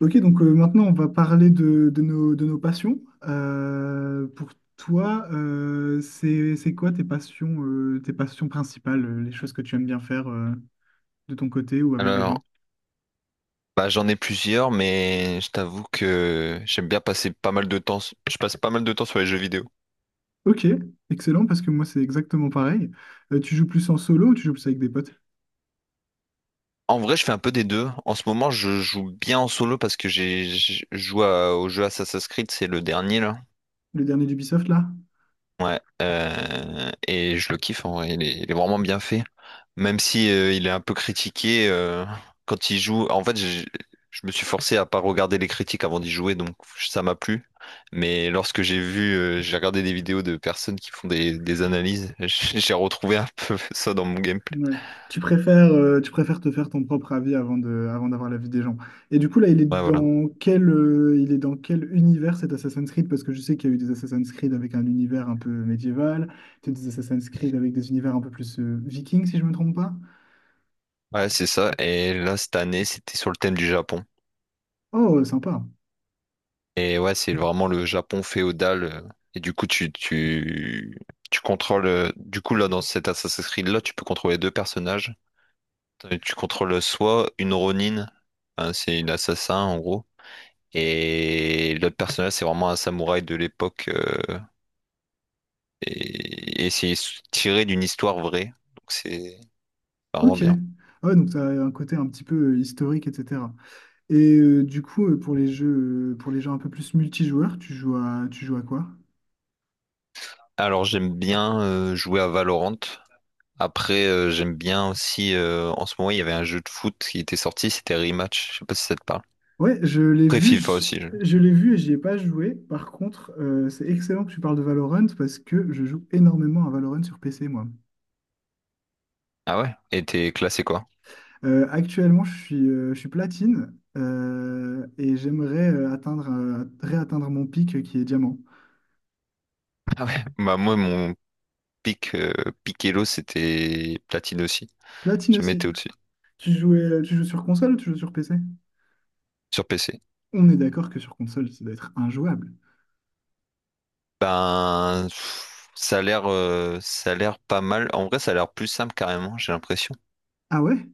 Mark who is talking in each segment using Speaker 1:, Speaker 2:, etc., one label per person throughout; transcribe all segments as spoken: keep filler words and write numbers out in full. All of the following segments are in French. Speaker 1: Ok, donc euh, maintenant on va parler de, de nos, de nos passions. Euh, pour toi, euh, c'est, c'est quoi tes passions, euh, tes passions principales, euh, les choses que tu aimes bien faire euh, de ton côté ou avec des gens?
Speaker 2: Alors, bah, j'en ai plusieurs, mais je t'avoue que j'aime bien passer pas mal de temps. Je passe pas mal de temps sur les jeux vidéo.
Speaker 1: Ok, excellent, parce que moi c'est exactement pareil. Euh, tu joues plus en solo ou tu joues plus avec des potes?
Speaker 2: En vrai, je fais un peu des deux. En ce moment, je joue bien en solo parce que j'ai je joue à- au jeu Assassin's Creed, c'est le dernier là.
Speaker 1: Le dernier d'Ubisoft là?
Speaker 2: Ouais, euh, et je le kiffe en vrai, il est, il est vraiment bien fait. Même si euh, il est un peu critiqué euh, quand il joue. En fait, j'ai- je me suis forcé à pas regarder les critiques avant d'y jouer, donc ça m'a plu. Mais lorsque j'ai vu, euh, j'ai regardé des vidéos de personnes qui font des, des analyses, j'ai retrouvé un peu ça dans mon gameplay.
Speaker 1: Ouais. Tu préfères, euh, tu préfères te faire ton propre avis avant de, avant d'avoir l'avis des gens. Et du coup, là, il est
Speaker 2: Ouais, voilà.
Speaker 1: dans quel, euh, il est dans quel univers cet Assassin's Creed? Parce que je sais qu'il y a eu des Assassin's Creed avec un univers un peu médiéval, peut-être des Assassin's Creed avec des univers un peu plus euh, vikings, si je me trompe pas.
Speaker 2: Ouais, c'est ça. Et là, cette année, c'était sur le thème du Japon.
Speaker 1: Oh, sympa.
Speaker 2: Et ouais, c'est vraiment le Japon féodal. euh, Et du coup, tu, tu, tu contrôles. euh, Du coup, là, dans cet Assassin's Creed-là, tu peux contrôler deux personnages. Euh, Tu contrôles soit une Ronin, hein, c'est une assassin en gros, et l'autre personnage, c'est vraiment un samouraï de l'époque. euh, et et c'est tiré d'une histoire vraie. Donc, c'est vraiment
Speaker 1: Ok.
Speaker 2: bien.
Speaker 1: Ah ouais, donc ça a un côté un petit peu euh, historique, et cetera. Et euh, du coup, euh, pour les jeux, euh, pour les jeux un peu plus multijoueurs, tu joues à, tu joues à quoi?
Speaker 2: Alors, j'aime bien euh, jouer à Valorant. Après, euh, j'aime bien aussi. Euh, en ce moment, il y avait un jeu de foot qui était sorti, c'était Rematch. Je sais pas si ça te parle.
Speaker 1: Ouais, je l'ai
Speaker 2: Après
Speaker 1: vu,
Speaker 2: FIFA
Speaker 1: je,
Speaker 2: aussi. je-
Speaker 1: je l'ai vu et j'y ai pas joué. Par contre, euh, c'est excellent que tu parles de Valorant parce que je joue énormément à Valorant sur P C, moi.
Speaker 2: Ah ouais? Et t'es classé quoi?
Speaker 1: Euh, actuellement, je suis, euh, je suis platine euh, et j'aimerais euh, atteindre, euh, réatteindre mon pic euh, qui est diamant.
Speaker 2: Ah ouais. Bah moi mon pic euh, pic c'était platine aussi.
Speaker 1: Platine
Speaker 2: Jamais
Speaker 1: aussi.
Speaker 2: été au-dessus.
Speaker 1: Tu jouais, euh, tu joues sur console ou tu joues sur P C?
Speaker 2: Sur P C.
Speaker 1: On est d'accord que sur console, ça doit être injouable.
Speaker 2: Ben pff, ça a l'air euh, ça a l'air pas mal. En vrai ça a l'air plus simple carrément, j'ai l'impression.
Speaker 1: Ah ouais?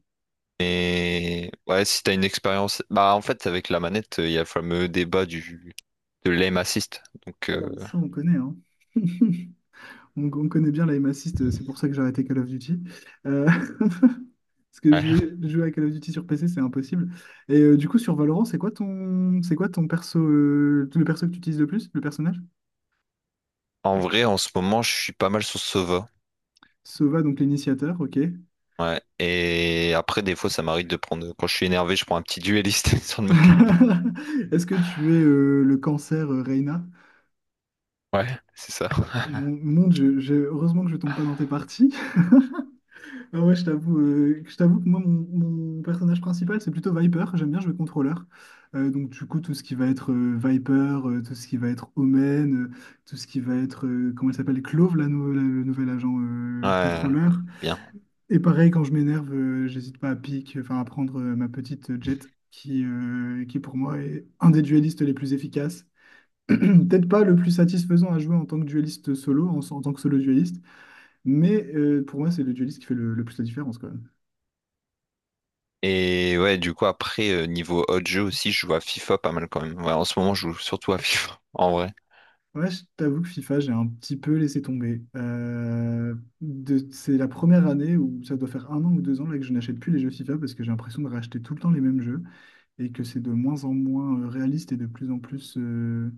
Speaker 2: Mais ouais, si t'as une expérience. Bah en fait avec la manette, il y a le fameux débat du de l'aim assist. Donc euh,
Speaker 1: Euh, Ça, on connaît, hein. On, on connaît bien la aim assist, c'est pour ça que j'ai arrêté Call of Duty. Euh, Parce que jouer,
Speaker 2: ouais.
Speaker 1: jouer à Call of Duty sur P C, c'est impossible. Et euh, du coup, sur Valorant, c'est quoi ton, c'est quoi ton perso, euh, le perso que tu utilises le plus, le personnage?
Speaker 2: En vrai en ce moment je suis pas mal sur Sova.
Speaker 1: Sova, donc l'initiateur, ok.
Speaker 2: Ouais. Et après, des fois, ça m'arrive de prendre. Quand je suis énervé, je prends un petit duelliste histoire de me calmer.
Speaker 1: Est-ce que tu es euh, le cancer, euh, Reyna?
Speaker 2: Ouais, c'est ça.
Speaker 1: Mon, mon Dieu, j'ai- heureusement que je tombe pas dans tes parties. Ah ouais, je t'avoue, euh, je t'avoue que moi, mon, mon personnage principal, c'est plutôt Viper. J'aime bien jouer contrôleur. Euh, donc, du coup, tout ce qui va être euh, Viper, euh, tout ce qui va être Omen, euh, tout ce qui va être, euh, comment elle s'appelle, Clove, la nou- la- le nouvel agent euh,
Speaker 2: Ouais,
Speaker 1: contrôleur.
Speaker 2: bien.
Speaker 1: Et pareil, quand je m'énerve, euh, j'hésite pas à pique, enfin, à prendre euh, ma petite Jet, qui, euh, qui pour moi est un des duellistes les plus efficaces. Peut-être pas le plus satisfaisant à jouer en tant que duelliste solo, en, en tant que solo duelliste, mais euh, pour moi, c'est le duelliste qui fait le, le plus la différence, quoi.
Speaker 2: Et ouais, du coup, après, euh, niveau autre jeu aussi, je joue à FIFA pas mal quand même. Ouais, en ce moment, je joue surtout à FIFA, en vrai.
Speaker 1: Ouais, je t'avoue que FIFA, j'ai un petit peu laissé tomber. Euh, de- c'est la première année où ça doit faire un an ou deux ans là, que je n'achète plus les jeux FIFA parce que j'ai l'impression de racheter tout le temps les mêmes jeux et que c'est de moins en moins euh, réaliste et de plus en plus, euh,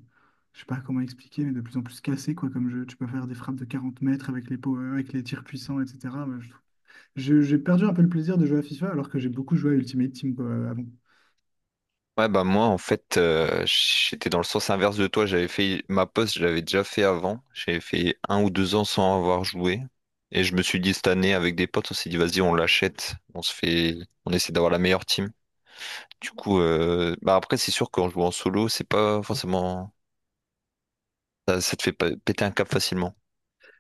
Speaker 1: je sais pas comment expliquer, mais de plus en plus cassé quoi, comme jeu. Tu peux faire des frappes de quarante mètres avec les, power, avec les tirs puissants, et cetera. Moi, je je- j'ai perdu un peu le plaisir de jouer à FIFA alors que j'ai beaucoup joué à Ultimate Team quoi, euh, avant.
Speaker 2: Ouais, bah moi, en fait, euh, j'étais dans le sens inverse de toi. J'avais fait ma poste, je l'avais déjà fait avant. J'avais fait un ou deux ans sans avoir joué. Et je me suis dit, cette année, avec des potes, on s'est dit, vas-y, on l'achète. On se fait, on essaie d'avoir la meilleure team. Du coup, euh, bah après, c'est sûr qu'en jouant en solo, c'est pas forcément. Ça, ça te fait pas- péter un cap facilement.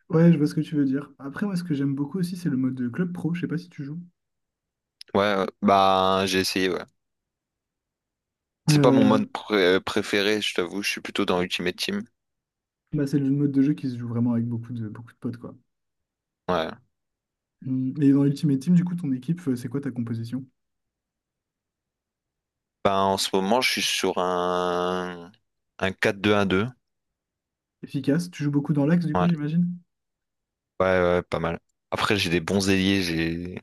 Speaker 1: Ouais, je vois ce que tu veux dire. Après, moi, ce que j'aime beaucoup aussi, c'est le mode de club pro. Je sais pas si tu joues.
Speaker 2: Ouais, euh, bah j'ai essayé, ouais. C'est pas mon mode
Speaker 1: Euh,
Speaker 2: pré- préféré, je t'avoue, je suis plutôt dans Ultimate Team.
Speaker 1: Bah, c'est le mode de jeu qui se joue vraiment avec beaucoup de, beaucoup de potes, quoi.
Speaker 2: Ouais.
Speaker 1: Hum, Et dans Ultimate Team, du coup, ton équipe, euh, c'est quoi ta composition?
Speaker 2: Bah en ce moment, je suis sur un, un quatre deux un deux.
Speaker 1: Efficace? Tu joues beaucoup dans l'axe, du coup,
Speaker 2: Ouais.
Speaker 1: j'imagine?
Speaker 2: Ouais, ouais, ouais, pas mal. Après, j'ai des bons ailiers, j'ai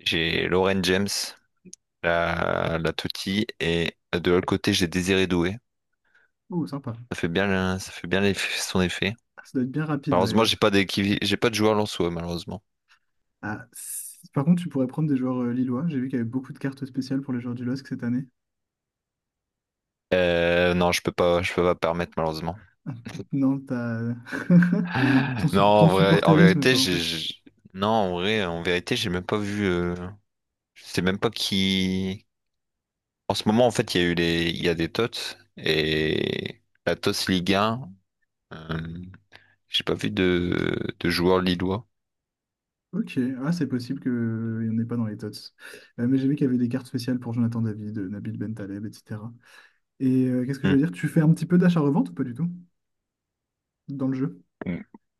Speaker 2: j'ai Lauren James, la, la Totti, et de l'autre côté, j'ai Désiré Doué.
Speaker 1: Oh, sympa.
Speaker 2: Ça fait bien, le- ça fait bien l'eff- son effet.
Speaker 1: Ah, ça doit être bien rapide,
Speaker 2: Malheureusement,
Speaker 1: ouais.
Speaker 2: j'ai pas d'équipe, j'ai pas de joueur lensois, malheureusement.
Speaker 1: Ah, c- Par contre, tu pourrais prendre des joueurs euh, lillois. J'ai vu qu'il y avait beaucoup de cartes spéciales pour les joueurs du L O S C cette année.
Speaker 2: Euh, non, je peux pas, je peux pas permettre malheureusement.
Speaker 1: Non, t'as... ton,
Speaker 2: Non,
Speaker 1: su- ton
Speaker 2: en vrai, en
Speaker 1: supporterisme
Speaker 2: vérité,
Speaker 1: t'en
Speaker 2: j'ai,
Speaker 1: empêche.
Speaker 2: j'ai- Non, en vrai, en vérité, j'ai même pas vu. euh, Je sais même pas qui. En ce moment, en fait, il y a eu les, il y a des T O T S et la T O S Ligue un. euh, J'ai pas vu de, de joueurs lillois.
Speaker 1: Ok, ah, c'est possible qu'il n'y en ait pas dans les tots. Euh, mais j'ai vu qu'il y avait des cartes spéciales pour Jonathan David, euh, Nabil Bentaleb, et cetera. Et euh, qu'est-ce que je
Speaker 2: Hmm.
Speaker 1: veux dire? Tu fais un petit peu d'achat-revente ou pas du tout dans le jeu?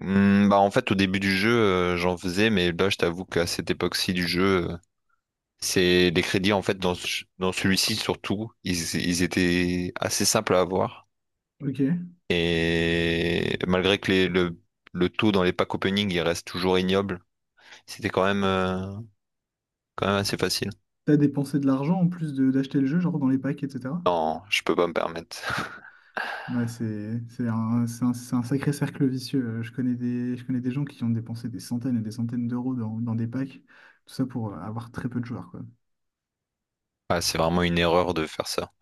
Speaker 2: Hmm, bah en fait au début du jeu euh, j'en faisais, mais là je t'avoue qu'à cette époque-ci du jeu euh, c'est les crédits en fait dans, ce- dans celui-ci surtout ils, ils étaient assez simples à avoir.
Speaker 1: Ok.
Speaker 2: Et malgré que les- le, le taux dans les packs opening il reste toujours ignoble, c'était quand même, euh, quand même assez facile.
Speaker 1: T'as dépensé de l'argent en plus de d'acheter le jeu, genre dans les packs, et cetera.
Speaker 2: Non, je peux pas me permettre.
Speaker 1: Ouais, c'est c'est un, c'est un, c'est un sacré cercle vicieux. Euh, Je connais des, je connais des gens qui ont dépensé des centaines et des centaines d'euros dans, dans des packs, tout ça pour euh, avoir très peu de joueurs, quoi.
Speaker 2: Ouais, c'est vraiment une erreur de faire ça.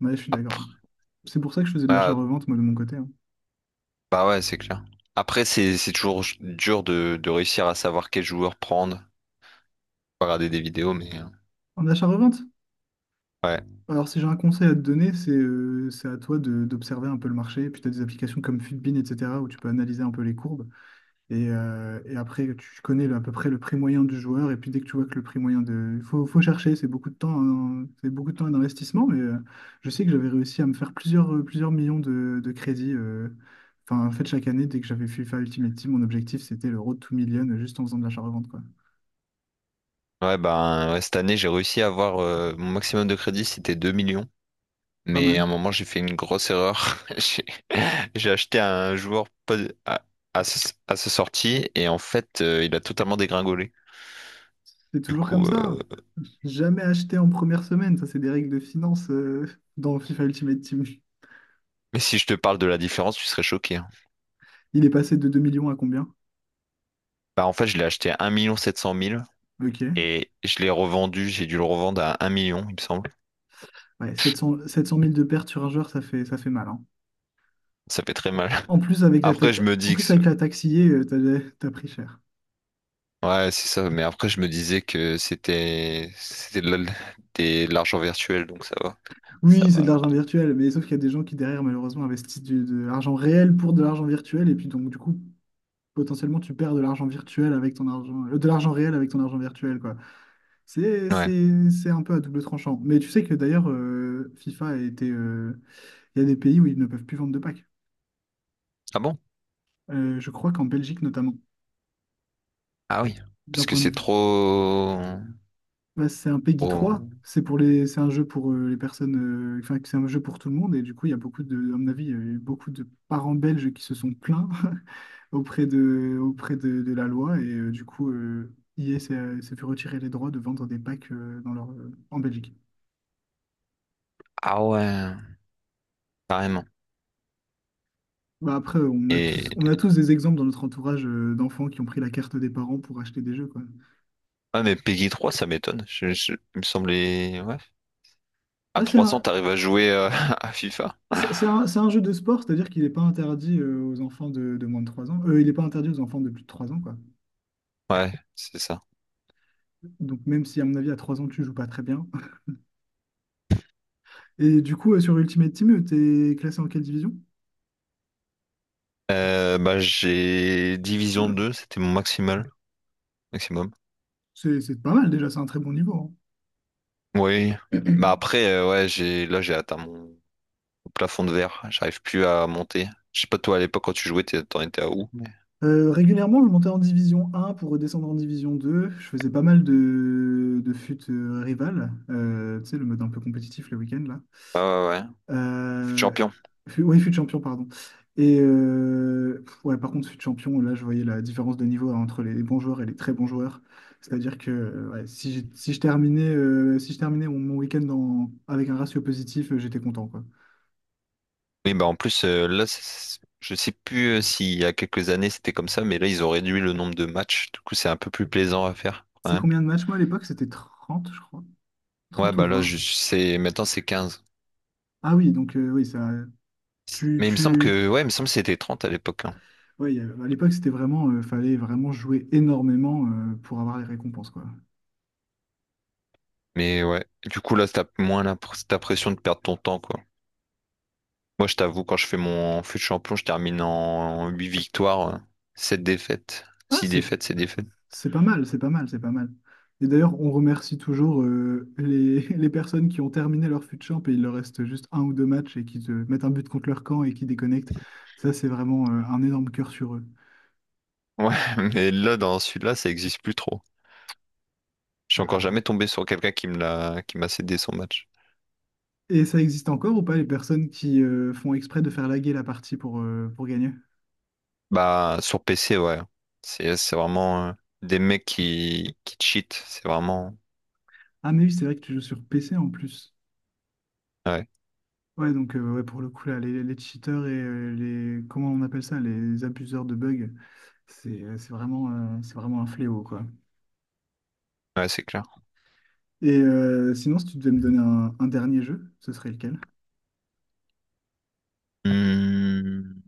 Speaker 1: Ouais, je suis d'accord.
Speaker 2: Après,
Speaker 1: C'est pour ça que je faisais de
Speaker 2: ah,
Speaker 1: l'achat-revente, moi, de mon côté, hein.
Speaker 2: bah ouais, c'est clair. Après, c'est c'est toujours dur de, de réussir à savoir quel joueur prendre. Faut regarder des vidéos, mais euh,
Speaker 1: En achat-revente?
Speaker 2: ouais,
Speaker 1: Alors, si j'ai un conseil à te donner, c'est euh, c'est à toi de- d'observer un peu le marché. Puis, tu as des applications comme Fitbin, et cetera, où tu peux analyser un peu les courbes. Et, euh, et après, tu connais le- à peu près le prix moyen du joueur. Et puis dès que tu vois que le prix moyen de... Il faut, faut chercher, c'est beaucoup de temps, hein, c'est beaucoup de temps et d'investissement. Mais euh, je sais que j'avais réussi à me faire plusieurs, euh, plusieurs millions de, de crédits. euh. Enfin, en fait, chaque année, dès que j'avais FIFA Ultimate Team, mon objectif, c'était le road to million euh, juste en faisant de l'achat-revente, quoi.
Speaker 2: ouais, ben ouais, cette année j'ai réussi à avoir euh, mon maximum de crédit, c'était deux millions.
Speaker 1: Pas
Speaker 2: Mais à un
Speaker 1: mal.
Speaker 2: moment, j'ai fait une grosse erreur. J'ai j'ai acheté un joueur pas- à, à, sa à sa sortie et en fait, euh, il a totalement dégringolé.
Speaker 1: C'est
Speaker 2: Du
Speaker 1: toujours comme
Speaker 2: coup,
Speaker 1: ça.
Speaker 2: euh,
Speaker 1: Jamais acheté en première semaine. Ça, c'est des règles de finance euh, dans FIFA Ultimate Team.
Speaker 2: mais si je te parle de la différence, tu serais choqué, hein.
Speaker 1: Il est passé de deux millions à combien?
Speaker 2: Bah, en fait, je l'ai acheté à un million sept cent mille
Speaker 1: Ok.
Speaker 2: et je l'ai revendu. J'ai dû le revendre à un million, il me semble.
Speaker 1: Ouais, sept cents, sept cent mille de pertes sur un joueur, ça fait, ça fait mal, hein.
Speaker 2: Ça fait très mal.
Speaker 1: En plus, avec la
Speaker 2: Après,
Speaker 1: taxe,
Speaker 2: je me
Speaker 1: en
Speaker 2: dis que
Speaker 1: plus,
Speaker 2: c'est-
Speaker 1: avec la taxe I A, euh, t'as, t'as pris cher.
Speaker 2: Ouais, c'est ça. Mais après, je me disais que c'était c'était de la- des- de l'argent virtuel, donc ça va. Ça
Speaker 1: Oui, c'est de
Speaker 2: m'a.
Speaker 1: l'argent virtuel, mais sauf qu'il y a des gens qui, derrière, malheureusement, investissent du- de l'argent réel pour de l'argent virtuel. Et puis, donc, du coup, potentiellement, tu perds de l'argent virtuel avec ton argent, euh, de l'argent réel avec ton argent virtuel, quoi. C'est,
Speaker 2: Ouais.
Speaker 1: c'est, c'est un peu à double tranchant. Mais tu sais que, d'ailleurs, euh, FIFA a été, euh, il y a des pays où ils ne peuvent plus vendre de packs.
Speaker 2: Ah bon?
Speaker 1: Euh, je crois qu'en Belgique, notamment,
Speaker 2: Ah oui, parce
Speaker 1: d'un
Speaker 2: que
Speaker 1: point de
Speaker 2: c'est trop...
Speaker 1: bah, c'est un PEGI trois.
Speaker 2: trop-
Speaker 1: C'est pour les, c'est un jeu pour euh, les personnes. euh, Enfin, c'est un jeu pour tout le monde. Et du coup, il y a beaucoup de, à mon avis, il y a eu beaucoup de parents belges qui se sont plaints auprès de, auprès de, de la loi. Et euh, du coup, euh, E A s'est euh, s'est fait retirer les droits de vendre des packs euh, dans leur, euh, en Belgique.
Speaker 2: Ah ouais, carrément.
Speaker 1: Bah, après, on a tous, on
Speaker 2: Et.
Speaker 1: a tous des exemples dans notre entourage euh, d'enfants qui ont pris la carte des parents pour acheter des jeux, quoi.
Speaker 2: Ah mais Peggy trois, ça m'étonne. Je, je- Il me semblait. Ouais. À
Speaker 1: Ouais, c'est
Speaker 2: trois cents,
Speaker 1: un,
Speaker 2: t'arrives à jouer euh, à FIFA.
Speaker 1: c'est c'est un, c'est un jeu de sport, c'est-à-dire qu'il n'est pas interdit euh, aux enfants de, de moins de trois ans. Euh, il n'est pas interdit aux enfants de plus de trois ans, quoi.
Speaker 2: Ouais, c'est ça.
Speaker 1: Donc même si à mon avis à trois ans tu joues pas très bien. Et du coup euh, sur Ultimate Team, euh, t'es classé en quelle division?
Speaker 2: Euh, bah j'ai Division deux, c'était mon maximal. Maximum.
Speaker 1: C'est c'est pas mal déjà, c'est un très bon niveau, hein.
Speaker 2: Oui. Bah après, euh, ouais, j'ai là j'ai atteint mon plafond de verre. J'arrive plus à monter. Je sais pas toi à l'époque quand tu jouais, t'es- t'en étais à où? mais-
Speaker 1: Euh, régulièrement je montais en division un pour redescendre en division deux. Je faisais pas mal de, de fut euh, rival. Euh, tu sais le mode un peu compétitif le week-end là.
Speaker 2: Ouais, ouais, ouais.
Speaker 1: Euh,
Speaker 2: Champion.
Speaker 1: fu- oui, fut champion, pardon. Et euh, pff, ouais, par contre, fut champion, là, je voyais la différence de niveau, hein, entre les bons joueurs et les très bons joueurs. C'est-à-dire que euh, ouais, si, j'ai- si je terminais, euh, si je terminais mon, mon week-end en- avec un ratio positif, euh, j'étais content, quoi.
Speaker 2: Oui, bah en plus, euh, là, c'est- je sais plus euh, s'il y a quelques années c'était comme ça, mais là, ils ont réduit le nombre de matchs. Du coup, c'est un peu plus plaisant à faire, quand
Speaker 1: C'est
Speaker 2: même.
Speaker 1: combien de matchs? Moi, à l'époque, c'était trente, je crois.
Speaker 2: Ouais,
Speaker 1: Trente ou
Speaker 2: bah là,
Speaker 1: vingt.
Speaker 2: je sais, maintenant, c'est quinze.
Speaker 1: Ah oui, donc euh, oui, ça... Tu,
Speaker 2: Mais il me semble
Speaker 1: tu...
Speaker 2: que, ouais, il me semble que c'était trente à l'époque, hein.
Speaker 1: Ouais, il y avait- à l'époque, c'était vraiment... euh, fallait vraiment jouer énormément euh, pour avoir les récompenses, quoi.
Speaker 2: Mais ouais, du coup, là, t'as moins la... pr- t'as pression de perdre ton temps, quoi. Moi, je t'avoue, quand je fais mon fut de champion, je termine en huit victoires, euh, sept défaites.
Speaker 1: Ah,
Speaker 2: six
Speaker 1: c'est
Speaker 2: défaites, c'est défaites.
Speaker 1: c'est pas mal, c'est pas mal, c'est pas mal. Et d'ailleurs, on remercie toujours euh, les, les personnes qui ont terminé leur fut champ et il leur reste juste un ou deux matchs et qui te mettent un but contre leur camp et qui déconnectent. Ça, c'est vraiment euh, un énorme cœur sur eux.
Speaker 2: Ouais, mais là, dans celui-là, ça existe plus trop. Je suis encore jamais
Speaker 1: Ah.
Speaker 2: tombé sur quelqu'un qui me l'a, qui m'a cédé son match.
Speaker 1: Et ça existe encore ou pas les personnes qui euh, font exprès de faire laguer la partie pour, euh, pour gagner?
Speaker 2: Bah, sur P C, ouais. C'est, c'est vraiment euh, des mecs qui, qui cheatent. C'est vraiment.
Speaker 1: Ah, mais oui, c'est vrai que tu joues sur P C en plus.
Speaker 2: Ouais,
Speaker 1: Ouais, donc euh, ouais, pour le coup, là, les, les cheaters et euh, les... Comment on appelle ça? Les abuseurs de bugs, c'est euh, c'est vraiment, euh, c'est vraiment un fléau, quoi.
Speaker 2: ouais, c'est clair.
Speaker 1: Et euh, sinon, si tu devais me donner un, un dernier jeu, ce serait lequel?
Speaker 2: Hmm,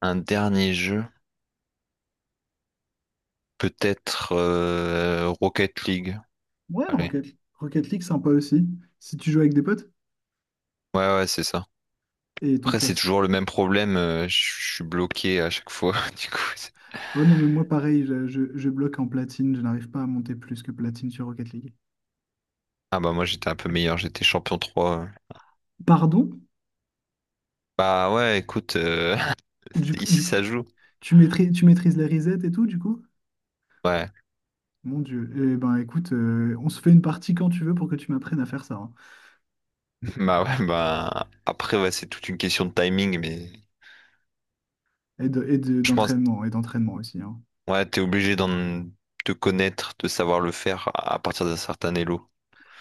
Speaker 2: un dernier jeu. Peut-être euh, Rocket League.
Speaker 1: Ouais,
Speaker 2: Allez.
Speaker 1: Rocket, Rocket League, sympa aussi. Si tu joues avec des potes
Speaker 2: Ouais, ouais, c'est ça.
Speaker 1: et ton
Speaker 2: Après, c'est
Speaker 1: classe.
Speaker 2: toujours le même problème. euh, je je suis bloqué à chaque fois. Du coup, c'est-
Speaker 1: Oh non, mais moi, pareil, je, je, je bloque en platine. Je n'arrive pas à monter plus que platine sur Rocket League.
Speaker 2: ah bah, moi, j'étais un peu meilleur. J'étais champion trois.
Speaker 1: Pardon?
Speaker 2: Bah, ouais, écoute, euh,
Speaker 1: Du, coup- du
Speaker 2: ici,
Speaker 1: coup,
Speaker 2: ça joue.
Speaker 1: tu maîtrises, tu maîtrises les resets et tout, du coup?
Speaker 2: Ouais,
Speaker 1: Mon Dieu. Eh ben, écoute, euh, on se fait une partie quand tu veux pour que tu m'apprennes à faire ça, hein.
Speaker 2: bah ouais, bah après ouais, c'est toute une question de timing, mais
Speaker 1: Et de- et de-
Speaker 2: je pense
Speaker 1: d'entraînement, et d'entraînement aussi, hein.
Speaker 2: ouais, t'es obligé d'en te connaître, de savoir le faire à à partir d'un certain elo.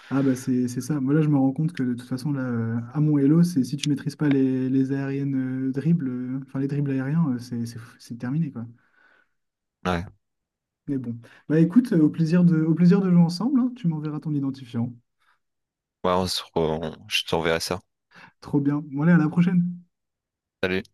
Speaker 1: Ah bah c'est c'est ça. Moi là je me rends compte que de toute façon là euh, à mon Hello, c'est si tu maîtrises pas les, les aériennes euh, dribbles, euh, enfin les dribbles aériens, euh, c'est c'est- c'est terminé quoi.
Speaker 2: Ouais,
Speaker 1: Mais bon. Bah écoute, euh, au plaisir de, au plaisir de jouer ensemble, hein. Tu m'enverras ton identifiant.
Speaker 2: ouais, on se re- on- je t'enverrai ça.
Speaker 1: Trop bien. Bon allez, à la prochaine.
Speaker 2: Salut.